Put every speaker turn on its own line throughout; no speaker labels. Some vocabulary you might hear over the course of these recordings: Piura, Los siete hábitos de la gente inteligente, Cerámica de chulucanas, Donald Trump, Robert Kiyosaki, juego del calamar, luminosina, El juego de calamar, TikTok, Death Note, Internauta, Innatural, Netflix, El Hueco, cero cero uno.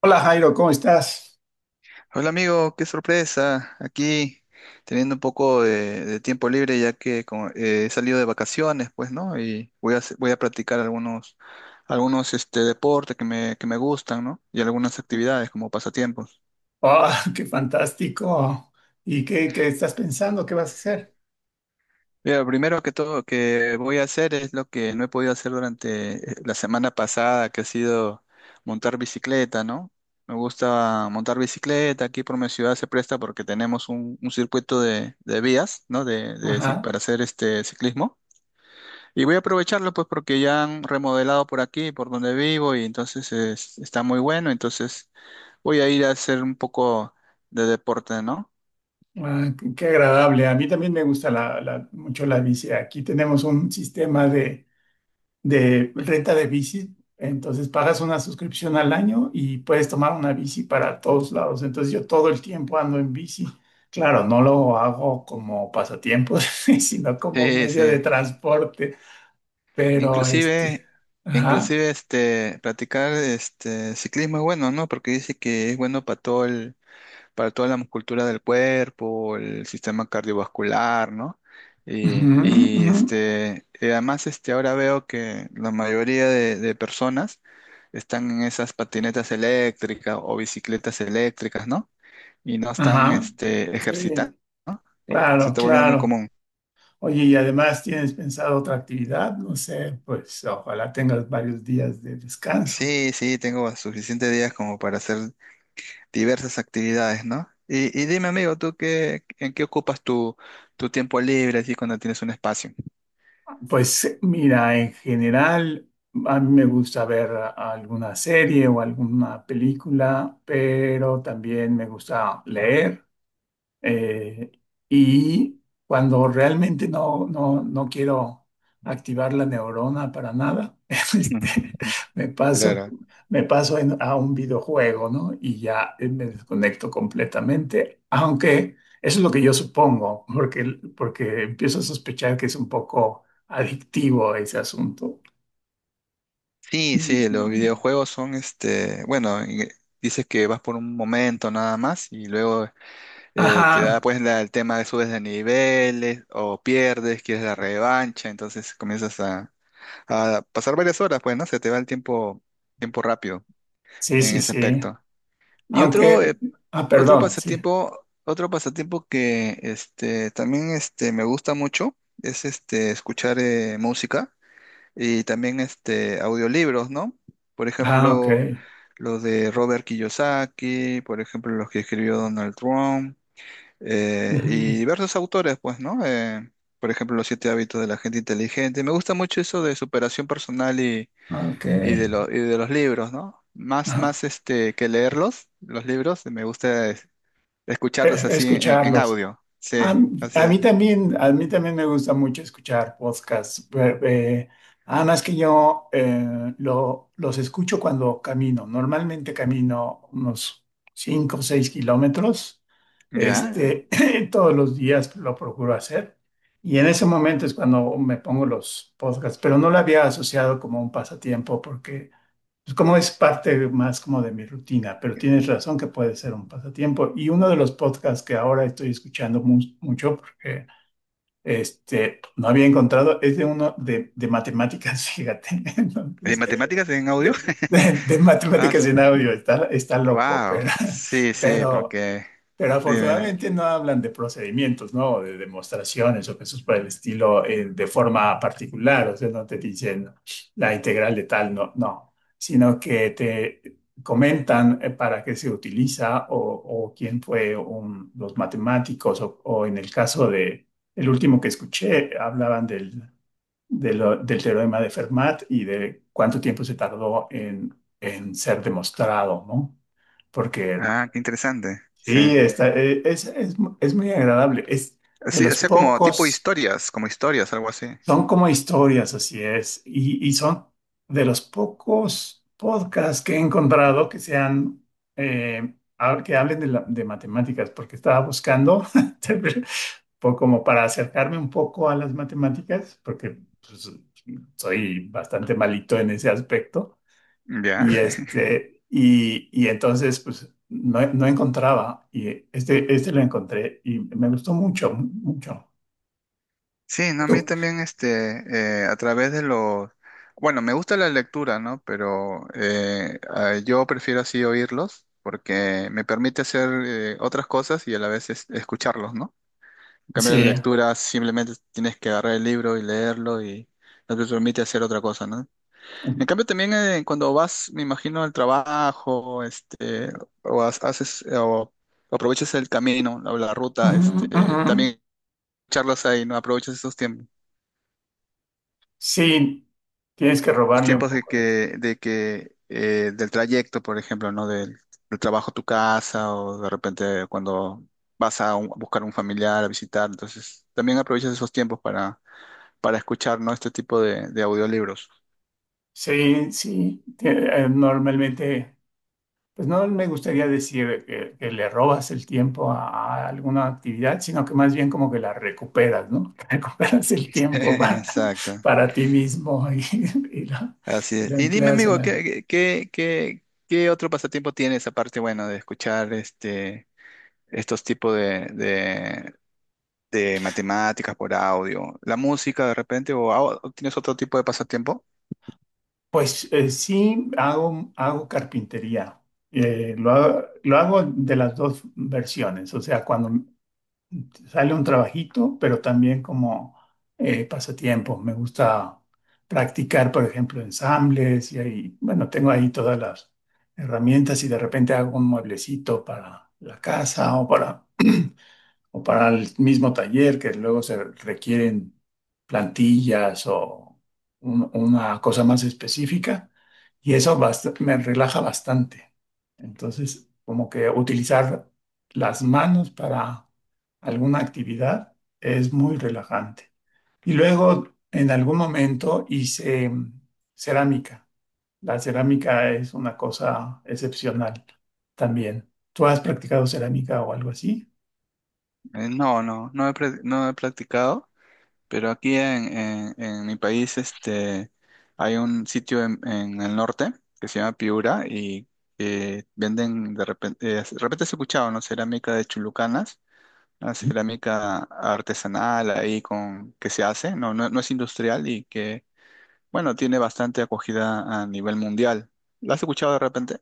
Hola Jairo, ¿cómo estás?
Hola amigo, qué sorpresa. Aquí teniendo un poco de tiempo libre ya que como, he salido de vacaciones, pues, ¿no? Y voy a, voy a practicar algunos deportes que me gustan, ¿no? Y algunas actividades como pasatiempos.
¡Ah, qué fantástico! ¿Y qué estás pensando? ¿Qué vas a hacer?
Mira, lo primero que todo que voy a hacer es lo que no he podido hacer durante la semana pasada, que ha sido montar bicicleta, ¿no? Me gusta montar bicicleta, aquí por mi ciudad se presta porque tenemos un circuito de vías, ¿no? De
Ajá.
para hacer este ciclismo. Y voy a aprovecharlo pues porque ya han remodelado por aquí, por donde vivo, y entonces está muy bueno, entonces voy a ir a hacer un poco de deporte, ¿no?
Ah, qué agradable. A mí también me gusta mucho la bici. Aquí tenemos un sistema de renta de bici. Entonces pagas una suscripción al año y puedes tomar una bici para todos lados. Entonces yo todo el tiempo ando en bici. Claro, no lo hago como pasatiempo, sino como
Sí,
medio de
sí.
transporte. Pero este,
Inclusive,
ajá.
inclusive, practicar este ciclismo es bueno, ¿no? Porque dice que es bueno para toda la musculatura del cuerpo, el sistema cardiovascular, ¿no?
Ujú,
Y, y,
ujú.
este, y además este, ahora veo que la mayoría de personas están en esas patinetas eléctricas o bicicletas eléctricas, ¿no? Y no están
Ajá.
este, ejercitando,
Sí,
¿no? Se
claro,
está volviendo muy
claro.
común.
Oye, y además tienes pensado otra actividad, no sé, pues ojalá tengas varios días de descanso.
Sí, sí, tengo suficientes días como para hacer diversas actividades, ¿no? Y dime, amigo, ¿ en qué ocupas tu tiempo libre así cuando tienes un espacio?
Pues mira, en general, a mí me gusta ver alguna serie o alguna película, pero también me gusta leer. Eh, y cuando realmente no quiero activar la neurona para nada, este, me paso,
Claro.
me paso a un videojuego, ¿no? Y ya me desconecto completamente, aunque eso es lo que yo supongo, porque empiezo a sospechar que es un poco adictivo ese asunto.
Sí,
Sí. Mm.
sí, los
Sí.
videojuegos son, este, bueno, dices que vas por un momento nada más y luego te da
Ajá,
pues el tema de subes de niveles o pierdes, quieres la revancha, entonces comienzas a pasar varias horas, pues, ¿no? Se te va el tiempo, tiempo rápido
sí,
en
sí,
ese
sí.
aspecto. Y otro,
Aunque, ah,
otro
perdón, sí.
pasatiempo, otro pasatiempo que me gusta mucho es este, escuchar música y también este, audiolibros, ¿no? Por
Ah, ok.
ejemplo, los de Robert Kiyosaki, por ejemplo, los que escribió Donald Trump
Ujú.
y diversos autores, pues, ¿no? Por ejemplo, Los siete hábitos de la gente inteligente. Me gusta mucho eso de superación personal y,
Ok.
y de los libros, ¿no? Más,
Ajá.
más este, que leerlos, los libros, me gusta escucharlos así en
Escucharlos.
audio. Sí,
A, m-
así
a mí
es.
también, a mí también me gusta mucho escuchar podcasts. Además que yo los escucho cuando camino. Normalmente camino unos 5 o 6 kilómetros. Ya.
¿Ya?
Este, todos los días lo procuro hacer. Y en ese momento es cuando me pongo los podcasts, pero no lo había asociado como un pasatiempo, pues como es parte más como de mi rutina, pero tienes razón que puede ser un pasatiempo. Y uno de los podcasts que ahora estoy escuchando mucho, porque este, no había encontrado, es de uno de matemáticas, fíjate.
¿De
Entonces,
matemáticas en audio?
de, de
Ah,
matemáticas en audio, está loco,
wow.
pero,
Sí,
sí,
sí,
pero
porque.
pero
Dime.
afortunadamente no hablan de procedimientos, ¿no? De demostraciones o cosas por el estilo de forma particular, o sea, no te dicen la integral de tal, no, no, sino que te comentan para qué se utiliza o quién fue los matemáticos o en el caso de, el último que escuché, hablaban del teorema de Fermat y de cuánto tiempo se tardó en ser demostrado, ¿no? Porque.
Ah, qué interesante. Sí.
Sí, está, e- es muy agradable. Es de
Sí, o
los
sea, como tipo
pocos,
historias, como historias, algo así.
son como historias, así es. Y son de los pocos podcasts que he encontrado que sean, eh, que hablen de matemáticas, porque estaba buscando como para acercarme un poco a las matemáticas, porque pues, soy bastante malito en ese aspecto.
Ya.
Y, este, y entonces, pues, no, no encontraba. Y este lo encontré y me gustó mucho, mucho.
Sí, no, a mí
Tú.
también, este, a través de los. Bueno, me gusta la lectura, ¿no? Pero yo prefiero así oírlos porque me permite hacer otras cosas y a la vez escucharlos, ¿no? En cambio, la
Sí.
lectura simplemente tienes que agarrar el libro y leerlo y no te permite hacer otra cosa, ¿no? En
Ujú,
cambio, también cuando vas, me imagino, al trabajo, este, o aprovechas el camino, la ruta, este,
ujú.
también charlas ahí, ¿no? Aprovechas esos tiempos,
Sí, tienes que
los
robarle un
tiempos
poco de ti.
del trayecto, por ejemplo, ¿no? Del, del trabajo a tu casa, o de repente cuando vas a, a buscar a un familiar, a visitar, entonces también aprovechas esos tiempos para escuchar, ¿no? Este tipo de audiolibros.
Sí, sí. Normalmente, pues no me gustaría decir que le robas el tiempo a alguna actividad, sino que más bien como que la recuperas, ¿no? Recuperas el tiempo para,
Exacto.
para ti mismo y lo,
Así
y lo
es. Y dime,
empleas en
amigo,
algo.
¿ qué otro pasatiempo tienes aparte, bueno, de escuchar este, estos tipos de matemáticas por audio. ¿La música de repente o tienes otro tipo de pasatiempo?
Pues sí, hago carpintería. Lo hago de las dos versiones, o sea, cuando sale un trabajito, pero también como pasatiempo. Me gusta practicar, por ejemplo, ensambles y ahí, bueno, tengo ahí todas las herramientas y de repente hago un mueblecito para la casa o para el mismo taller, que luego se requieren plantillas o una cosa más específica y eso me relaja bastante. Entonces, como que utilizar las manos para alguna actividad es muy relajante. Y luego, en algún momento hice cerámica. La cerámica es una cosa excepcional también. ¿Tú has practicado cerámica o algo así?
No, no, no he, no he practicado. Pero aquí en, en mi país este, hay un sitio en el norte que se llama Piura y venden de repente has escuchado, ¿no? Cerámica de Chulucanas, una cerámica artesanal ahí con que se hace, no, no, no es industrial y que, bueno, tiene bastante acogida a nivel mundial. ¿La has escuchado de repente?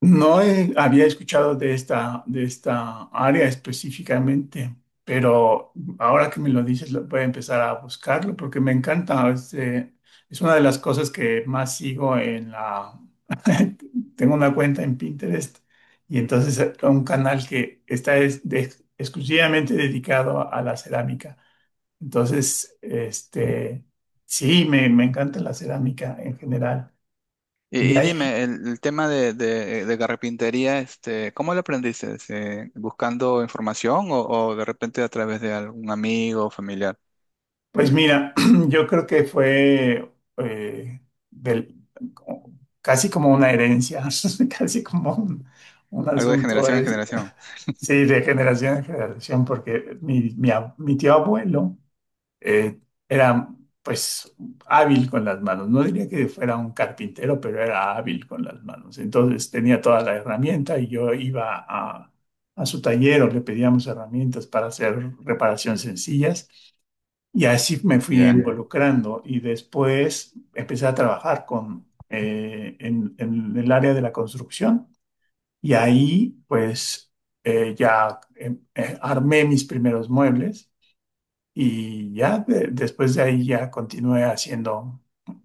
No había escuchado de esta área específicamente, pero ahora que me lo dices, voy a empezar a buscarlo porque me encanta. Es una de las cosas que más sigo en la. Tengo una cuenta en Pinterest y entonces un canal que está exclusivamente dedicado a la cerámica. Entonces, este, sí, me encanta la cerámica en general. Y
Y
ahí.
dime, el tema de carpintería, este, ¿cómo lo aprendiste? Buscando información o de repente a través de algún amigo o familiar?
Pues mira, yo creo que fue eh, del- como- casi como una herencia, casi como un
Algo de
asunto
generación en
es,
generación.
sí, de generación en generación, porque mi tío abuelo eh, era pues hábil con las manos. No diría que fuera un carpintero, pero era hábil con las manos. Entonces tenía toda la herramienta y yo iba a su taller o le pedíamos herramientas para hacer reparaciones sencillas. Y así me fui
Ya.
involucrando y después empecé a trabajar en el área de la construcción y ahí pues ya armé mis primeros muebles y ya después de ahí ya continué haciendo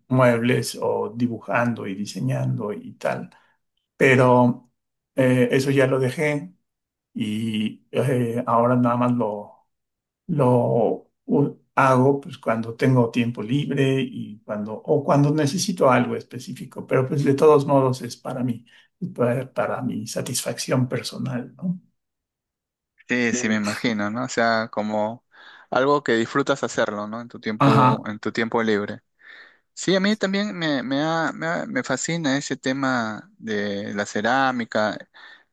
muebles o dibujando y diseñando y tal. Pero eso ya lo dejé y ahora nada más lo hago pues cuando tengo tiempo libre y cuando necesito algo específico, pero pues de todos modos es para mí, para mi satisfacción personal, ¿no?
Sí, sí, me
Sí.
imagino, ¿no? O sea, como algo que disfrutas hacerlo, ¿no?
Ajá.
En tu tiempo libre. Sí, a mí también me fascina ese tema de la cerámica,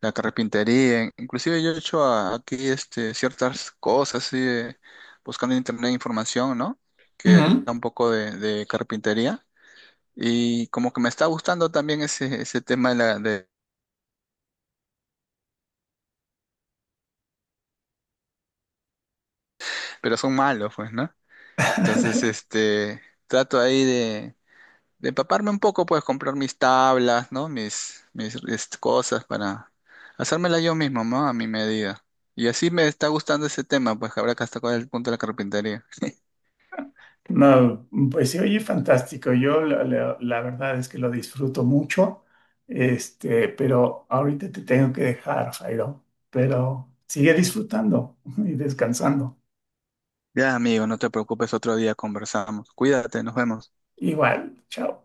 la carpintería. Inclusive yo he hecho aquí este, ciertas cosas, así buscando en internet información, ¿no? Que
Ujú.
da un poco de carpintería. Y como que me está gustando también ese tema de la... De, pero son malos, pues, ¿no? Entonces, este, trato ahí de empaparme un poco, pues comprar mis tablas, ¿no? Mis este, cosas para hacérmela yo mismo, ¿no? A mi medida. Y así me está gustando ese tema, pues que habrá que hasta cuál es el punto de la carpintería.
No, pues se oye fantástico. Yo la verdad es que lo disfruto mucho, este, pero ahorita te tengo que dejar, Jairo, pero sigue disfrutando y descansando.
Ya, amigo, no te preocupes, otro día conversamos. Cuídate, nos vemos.
Igual, chao.